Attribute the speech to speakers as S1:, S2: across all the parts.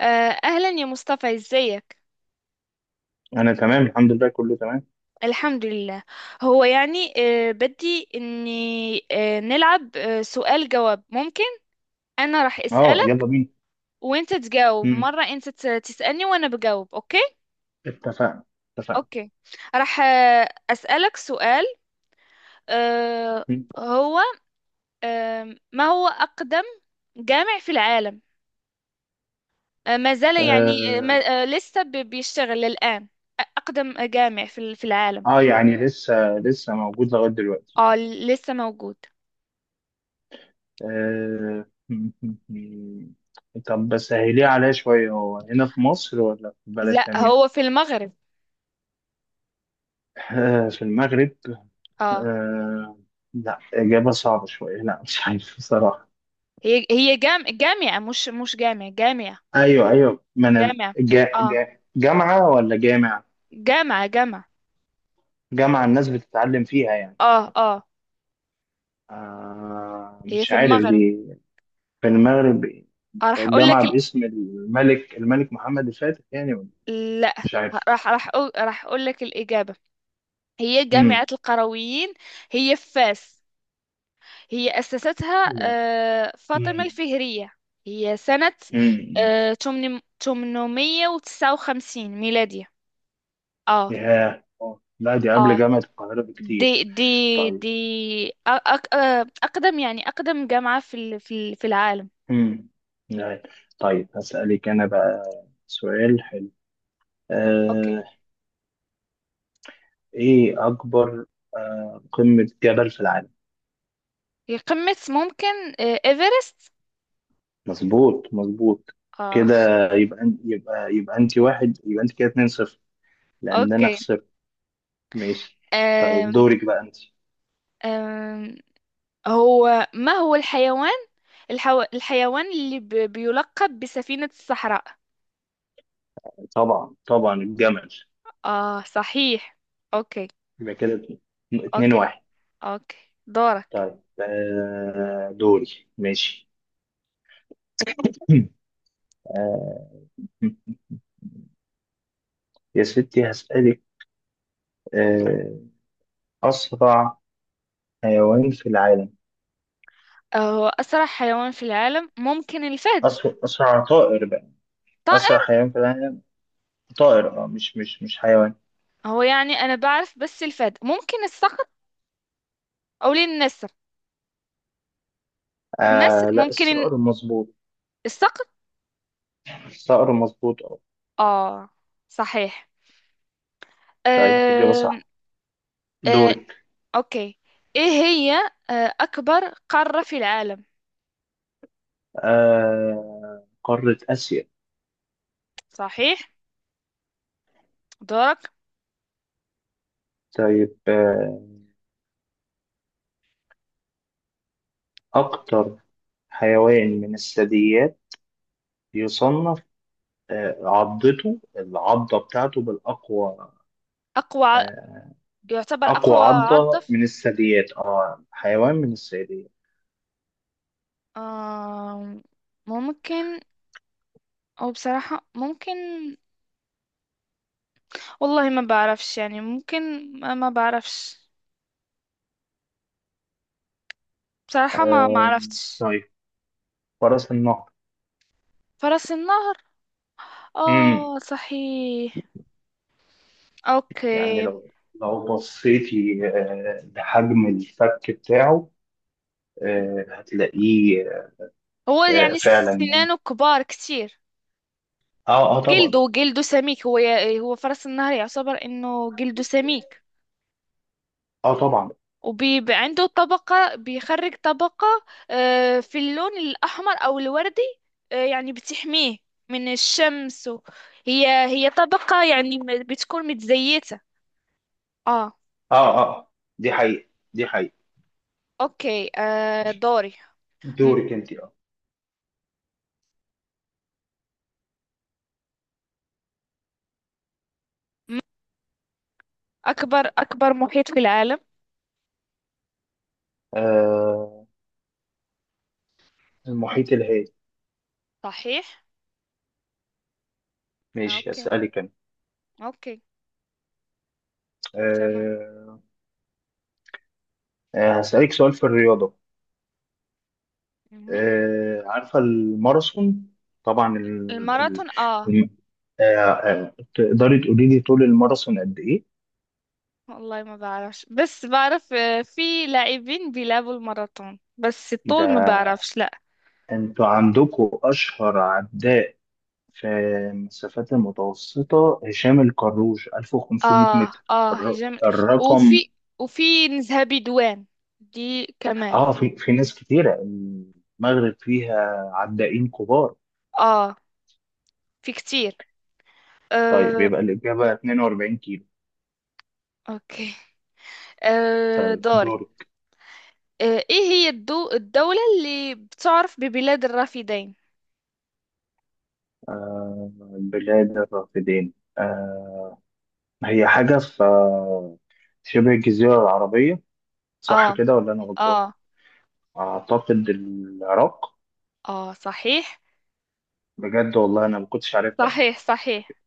S1: أهلا يا مصطفى ازيك؟
S2: انا تمام الحمد لله، كله تمام.
S1: الحمد لله. هو يعني، بدي إني نلعب، سؤال جواب ممكن؟ أنا راح
S2: اه،
S1: أسألك
S2: يلا بينا.
S1: وأنت تجاوب،
S2: مم.
S1: مرة أنت تسألني وأنا بجاوب، أوكي؟
S2: اتفقنا، اتفقنا.
S1: أوكي. راح أسألك سؤال. آه،
S2: مم.
S1: هو آه، ما هو أقدم جامع في العالم؟ ما زال يعني، آه،
S2: آه.
S1: ما آه، لسه بيشتغل الآن؟ أقدم جامع في العالم.
S2: اه يعني لسه موجود لغايه دلوقتي.
S1: آه، لسه موجود.
S2: آه. مم. مم. طب بس سهليه عليا شويه، هو هنا في مصر ولا في بلد
S1: لا، هو
S2: تانية؟
S1: في المغرب.
S2: آه. في المغرب.
S1: اه،
S2: آه. لا اجابه صعبه شويه، لا مش عارف بصراحه.
S1: هي جامعة، مش جامعة جامعة.
S2: ايوه، ايوه، ما انا
S1: جامعة،
S2: جا
S1: اه،
S2: جا جامعه ولا جامع؟
S1: جامعة جامعة.
S2: جامعه الناس بتتعلم فيها يعني.
S1: اه اه.
S2: آه.
S1: هي
S2: مش
S1: في
S2: عارف
S1: المغرب.
S2: دي. في المغرب.
S1: آه، راح اقول
S2: جامعة
S1: لك ال...
S2: باسم الملك محمد الفاتح يعني، ولا؟
S1: لا،
S2: مش عارف.
S1: راح أقول... راح اقول لك الإجابة. هي
S2: امم.
S1: جامعة القرويين، هي في فاس. هي أسستها
S2: لا.
S1: آه فاطمة
S2: مم.
S1: الفهرية. هي سنة
S2: امم.
S1: آه 800 859 ميلادية. اه
S2: ياه، آه. لا دي قبل
S1: اه.
S2: جامعة القاهرة بكتير.
S1: دي دي
S2: طيب.
S1: دي أ- أك أ- أقدم يعني، أقدم جامعة في العالم.
S2: امم. لا. طيب هسألك أنا بقى سؤال حلو.
S1: أوكي.
S2: آه، إيه أكبر، آه، قمة جبل في العالم؟
S1: هي قمة ممكن، آه، إيفرست.
S2: مظبوط، مظبوط
S1: آه.
S2: كده. يبقى يبقى أنت واحد، يبقى أنت كده 2-0 لأن أنا
S1: أوكي.
S2: خسرت. ماشي. طيب
S1: أم،
S2: دورك بقى أنت.
S1: أم، هو ما هو الحيوان، الحيوان اللي بيلقب بسفينة الصحراء؟
S2: طبعا، طبعا الجمل.
S1: آه، صحيح. أوكي،
S2: يبقى كده اتنين
S1: أوكي،
S2: واحد
S1: أوكي. دورك.
S2: طيب آه، دوري، ماشي. آه، يا ستي هسألك، آه، أسرع حيوان في العالم.
S1: آه، هو أسرع حيوان في العالم ممكن الفهد.
S2: أسرع طائر بقى. أسرع
S1: طائر؟
S2: حيوان في العالم، طائر، أه مش حيوان.
S1: هو يعني أنا بعرف بس الفهد، ممكن الصقر أو النسر. نسر،
S2: آه لا،
S1: ممكن
S2: الصقر مظبوط.
S1: الصقر.
S2: الصقر مظبوط، أه.
S1: اه صحيح.
S2: طيب، إجابة
S1: آه
S2: صح.
S1: آه.
S2: دورك.
S1: اوكي، ايه هي، آه، اكبر قارة في العالم؟
S2: آه، قارة آسيا.
S1: صحيح. دورك.
S2: طيب آه، أكتر حيوان من الثدييات يصنف آه، عضته، العضة بتاعته بالأقوى.
S1: اقوى ع-
S2: آه،
S1: يعتبر
S2: أقوى
S1: اقوى
S2: عضة
S1: عضف،
S2: من الثدييات، اه حيوان من الثدييات.
S1: آه، ممكن، او بصراحة ممكن، والله ما بعرفش يعني، ممكن، ما بعرفش، بصراحة ما
S2: آه.
S1: عرفتش.
S2: طيب، فرس النهر.
S1: فرس النهر؟
S2: مم.
S1: اه صحيح.
S2: يعني
S1: اوكي.
S2: لو بصيتي آه، لحجم الفك بتاعه، آه، هتلاقيه.
S1: هو
S2: آه،
S1: يعني
S2: فعلا.
S1: سنانه كبار كتير.
S2: اه اه طبعا.
S1: وجلده سميك، هو هو فرس النهر يعتبر انه جلده سميك.
S2: اه طبعا.
S1: وبيبقى عنده طبقة، بيخرج طبقة، آه، في اللون الأحمر أو الوردي، آه، يعني بتحميه من الشمس، و... هي طبقة يعني بتكون متزيتة. اه.
S2: اه اه. آه. دي حقيقة، دي حقيقة.
S1: اوكي، آه، دوري. م-
S2: دورك انت، اه.
S1: أكبر محيط في العالم؟
S2: آه، المحيط الهادي.
S1: صحيح.
S2: ماشي،
S1: اوكي،
S2: أسألك أنا،
S1: اوكي، تمام.
S2: آه، آه، هسألك سؤال في الرياضة.
S1: مهم.
S2: آه، عارفة الماراثون؟ طبعا. ال... ال...
S1: الماراثون، اه،
S2: الم- آه، آه، تقدري تقولي لي طول الماراثون قد ايه؟
S1: والله ما بعرفش، بس بعرف آه، في لاعبين بيلعبوا الماراثون، بس الطول ما
S2: ده
S1: بعرفش، لا.
S2: انتوا عندكم اشهر عداء في المسافات المتوسطة، هشام الكروش 1500
S1: اه
S2: متر.
S1: اه،
S2: الر-
S1: هجم.
S2: الرقم.
S1: وفي، وفي نزهة بدوان، دي كمان.
S2: اه، في ناس كتيرة. المغرب فيها عدائين كبار.
S1: اه، في كتير.
S2: طيب،
S1: آه.
S2: يبقى الإجابة 42 كيلو.
S1: اوكي، آه،
S2: طيب
S1: دوري.
S2: دورك.
S1: آه، ايه هي الدولة اللي بتعرف ببلاد الرافدين؟
S2: آه، بلاد الرافدين، آه، هي حاجة في آه، شبه الجزيرة العربية،
S1: اه.
S2: صح كده ولا أنا
S1: اه.
S2: غلطان؟ أعتقد العراق.
S1: اه صحيح،
S2: بجد والله أنا ما كنتش عارفها يعني.
S1: صحيح، صحيح.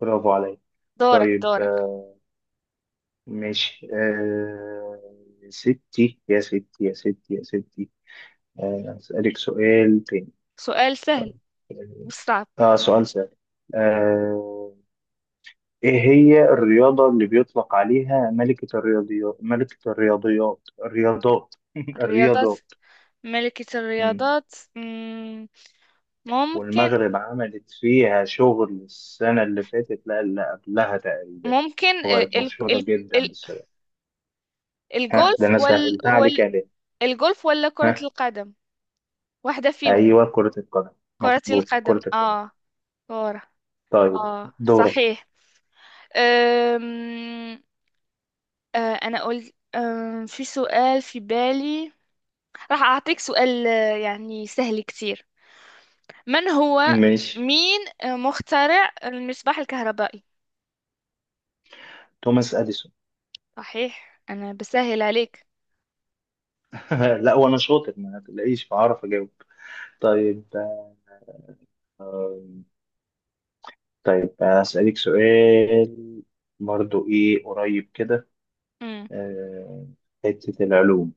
S2: برافو عليا.
S1: دورك،
S2: طيب
S1: دورك.
S2: آه، ماشي، آه، يا ستي يا ستي يا ستي يا ستي، آه، أسألك سؤال تاني.
S1: سؤال سهل،
S2: طيب،
S1: مش صعب.
S2: آه، آه، سؤال سهل، آه، إيه هي الرياضة اللي بيطلق عليها ملكة الرياضيات ملكة الرياضيات الرياضات
S1: الرياضات،
S2: الرياضات.
S1: ملكة
S2: مم.
S1: الرياضات، ممكن،
S2: والمغرب عملت فيها شغل السنة اللي فاتت، لا اللي قبلها تقريبا،
S1: ممكن، آه،
S2: وبقت
S1: ال
S2: مشهورة
S1: ال
S2: جدا
S1: ال
S2: بالسبب. ها، ده
S1: الجولف
S2: أنا
S1: وال
S2: سهلتها عليك
S1: وال
S2: يا ليه.
S1: الجولف ولا
S2: ها،
S1: كرة القدم، واحدة فيهم.
S2: أيوه، كرة القدم.
S1: كرة
S2: مظبوط،
S1: القدم،
S2: كرة القدم.
S1: اه، كرة.
S2: طيب
S1: اه
S2: دورك.
S1: صحيح. أم... آه، انا قلت أم... في سؤال في بالي. راح اعطيك سؤال، آه، يعني سهل كتير. من هو،
S2: ماشي،
S1: مين، آه، مخترع المصباح الكهربائي؟
S2: توماس أديسون.
S1: صحيح، انا بسهل عليك.
S2: لا وأنا شاطر، ما تلاقيش بعرف أجاوب. طيب آم، طيب أسألك سؤال برضو، إيه قريب كده،
S1: مم.
S2: آه، حتة العلوم.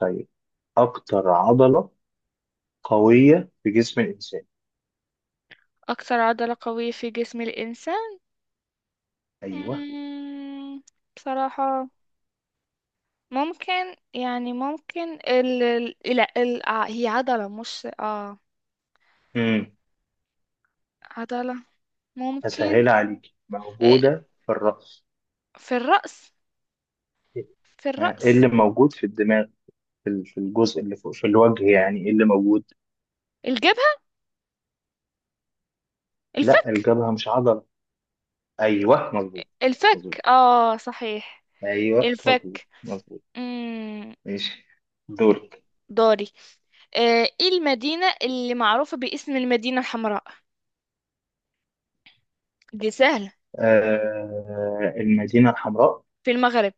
S2: طيب، أكتر عضلة قوية في جسم الإنسان.
S1: اكثر عضلة قوية في جسم الانسان،
S2: أيوه.
S1: مم، بصراحة، ممكن يعني، ممكن لا ال... آه، هي عضلة مش اه
S2: امم.
S1: عضلة، ممكن،
S2: هسهلها عليك،
S1: آه،
S2: موجودة في الرأس.
S1: في الرأس، في
S2: ها، إيه
S1: الرأس.
S2: اللي موجود في الدماغ، في في الجزء اللي فوق في الوجه، يعني إيه اللي موجود؟
S1: الجبهة،
S2: لا
S1: الفك.
S2: الجبهة مش عضلة. أيوه، مظبوط، مظبوط.
S1: الفك، اه صحيح.
S2: أيوه، مظبوط،
S1: الفك.
S2: مظبوط.
S1: مم.
S2: ماشي، دورك.
S1: دوري. آه، ايه المدينة اللي معروفة باسم المدينة الحمراء؟ دي سهلة،
S2: آه، المدينة الحمراء
S1: في المغرب.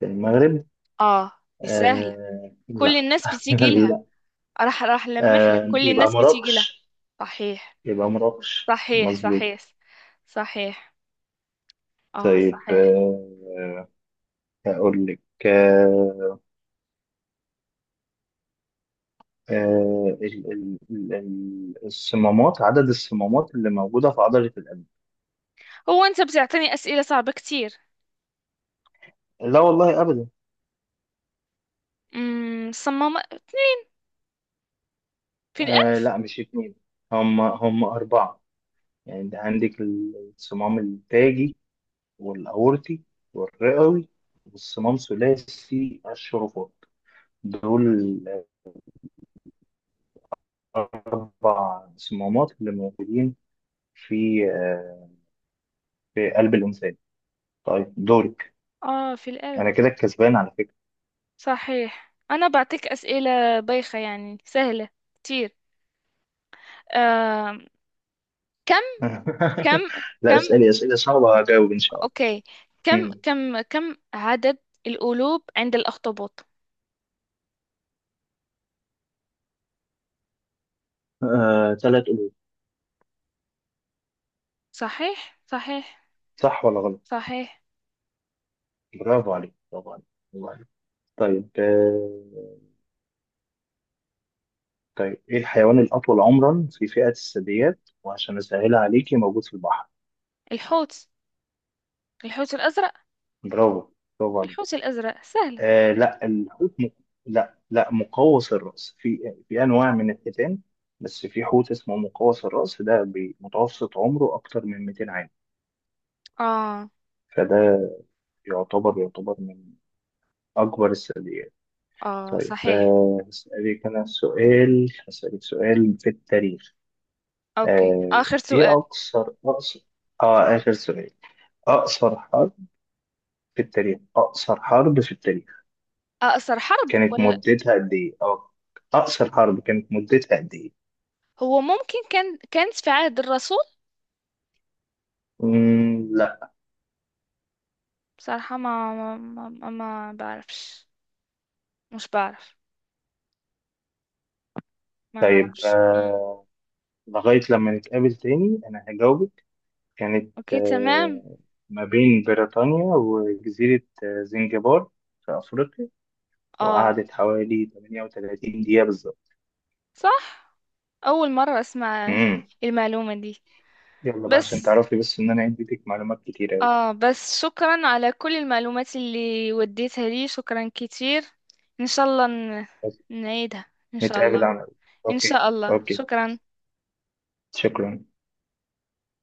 S2: في المغرب.
S1: اه، دي سهلة،
S2: آه
S1: كل
S2: لا.
S1: الناس بتيجي لها.
S2: لا.
S1: راح لمح لك،
S2: آه،
S1: كل
S2: يبقى
S1: الناس بتيجي لها.
S2: مراكش.
S1: صحيح،
S2: يبقى مراكش،
S1: صحيح،
S2: مظبوط.
S1: صحيح، صحيح. اه
S2: طيب
S1: صحيح.
S2: آه، هقول لك، آه، آه، الصمامات. عدد الصمامات اللي موجودة في عضلة القلب.
S1: هو انت بتعطيني اسئله صعبه كتير.
S2: لا والله أبدا.
S1: امم، صمم في القلب؟
S2: آه، لا مش اتنين، هم أربعة. يعني أنت عندك الصمام التاجي، والأورطي، والرئوي، والصمام ثلاثي الشرفات. دول الأربع صمامات اللي موجودين في آه، في قلب الإنسان. طيب دورك.
S1: اه، في القلب.
S2: أنا كده الكسبان على فكرة.
S1: صحيح، انا بعطيك اسئله بايخه يعني، سهله كتير. آه. كم كم
S2: لا،
S1: كم
S2: اسألي أسئلة صعبة هجاوب إن شاء الله.
S1: اوكي،
S2: مم.
S1: كم عدد القلوب عند الاخطبوط؟
S2: آه، ثلاث قلوب.
S1: صحيح، صحيح،
S2: صح ولا غلط؟
S1: صحيح.
S2: برافو عليك، برافو عليك، برافو عليك. طيب آه، طيب إيه الحيوان الأطول عمرا في فئة الثدييات؟ وعشان أسهلها عليكي، موجود في البحر.
S1: الحوت، الحوت الازرق.
S2: برافو، برافو عليك.
S1: الحوت الازرق، سهله.
S2: آه، لا الحوت لا، لا، مقوس الرأس. في أنواع من الحيتان، بس في حوت اسمه مقوس الرأس، ده بمتوسط عمره أكتر من 200 عام.
S1: اه
S2: فده يعتبر، من أكبر الثدييات.
S1: اه
S2: طيب
S1: صحيح.
S2: آه، هسألك سؤال في التاريخ.
S1: اوكي،
S2: آه،
S1: اخر
S2: إيه
S1: سؤال.
S2: أقصر، آه، آخر سؤال. أقصر حرب في التاريخ، أقصر حرب في التاريخ
S1: آه، أثر حرب،
S2: كانت
S1: ولا،
S2: مدتها قد إيه؟ أو أقصر حرب كانت مدتها قد إيه؟
S1: هو ممكن كان، كانت في عهد الرسول.
S2: مم، لا.
S1: بصراحة ما بعرفش، مش بعرف، ما
S2: طيب
S1: بعرفش. مم.
S2: آه، لغاية لما نتقابل تاني أنا هجاوبك. كانت
S1: أوكي، تمام.
S2: آه، ما بين بريطانيا وجزيرة آه، زنجبار في أفريقيا،
S1: آه،
S2: وقعدت حوالي 38 دقيقة بالظبط.
S1: صح. أول مرة أسمع
S2: مم.
S1: المعلومة دي.
S2: يلا بقى عشان
S1: بس،
S2: تعرفي بس إن أنا عندي ليك معلومات كتير أوي.
S1: آه، بس شكرا على كل المعلومات اللي وديتها لي، شكرا كتير. إن شاء الله
S2: بس
S1: نعيدها إن شاء
S2: نتقابل
S1: الله،
S2: على،
S1: إن
S2: أوكي،
S1: شاء الله.
S2: أوكي،
S1: شكرا.
S2: شكرا.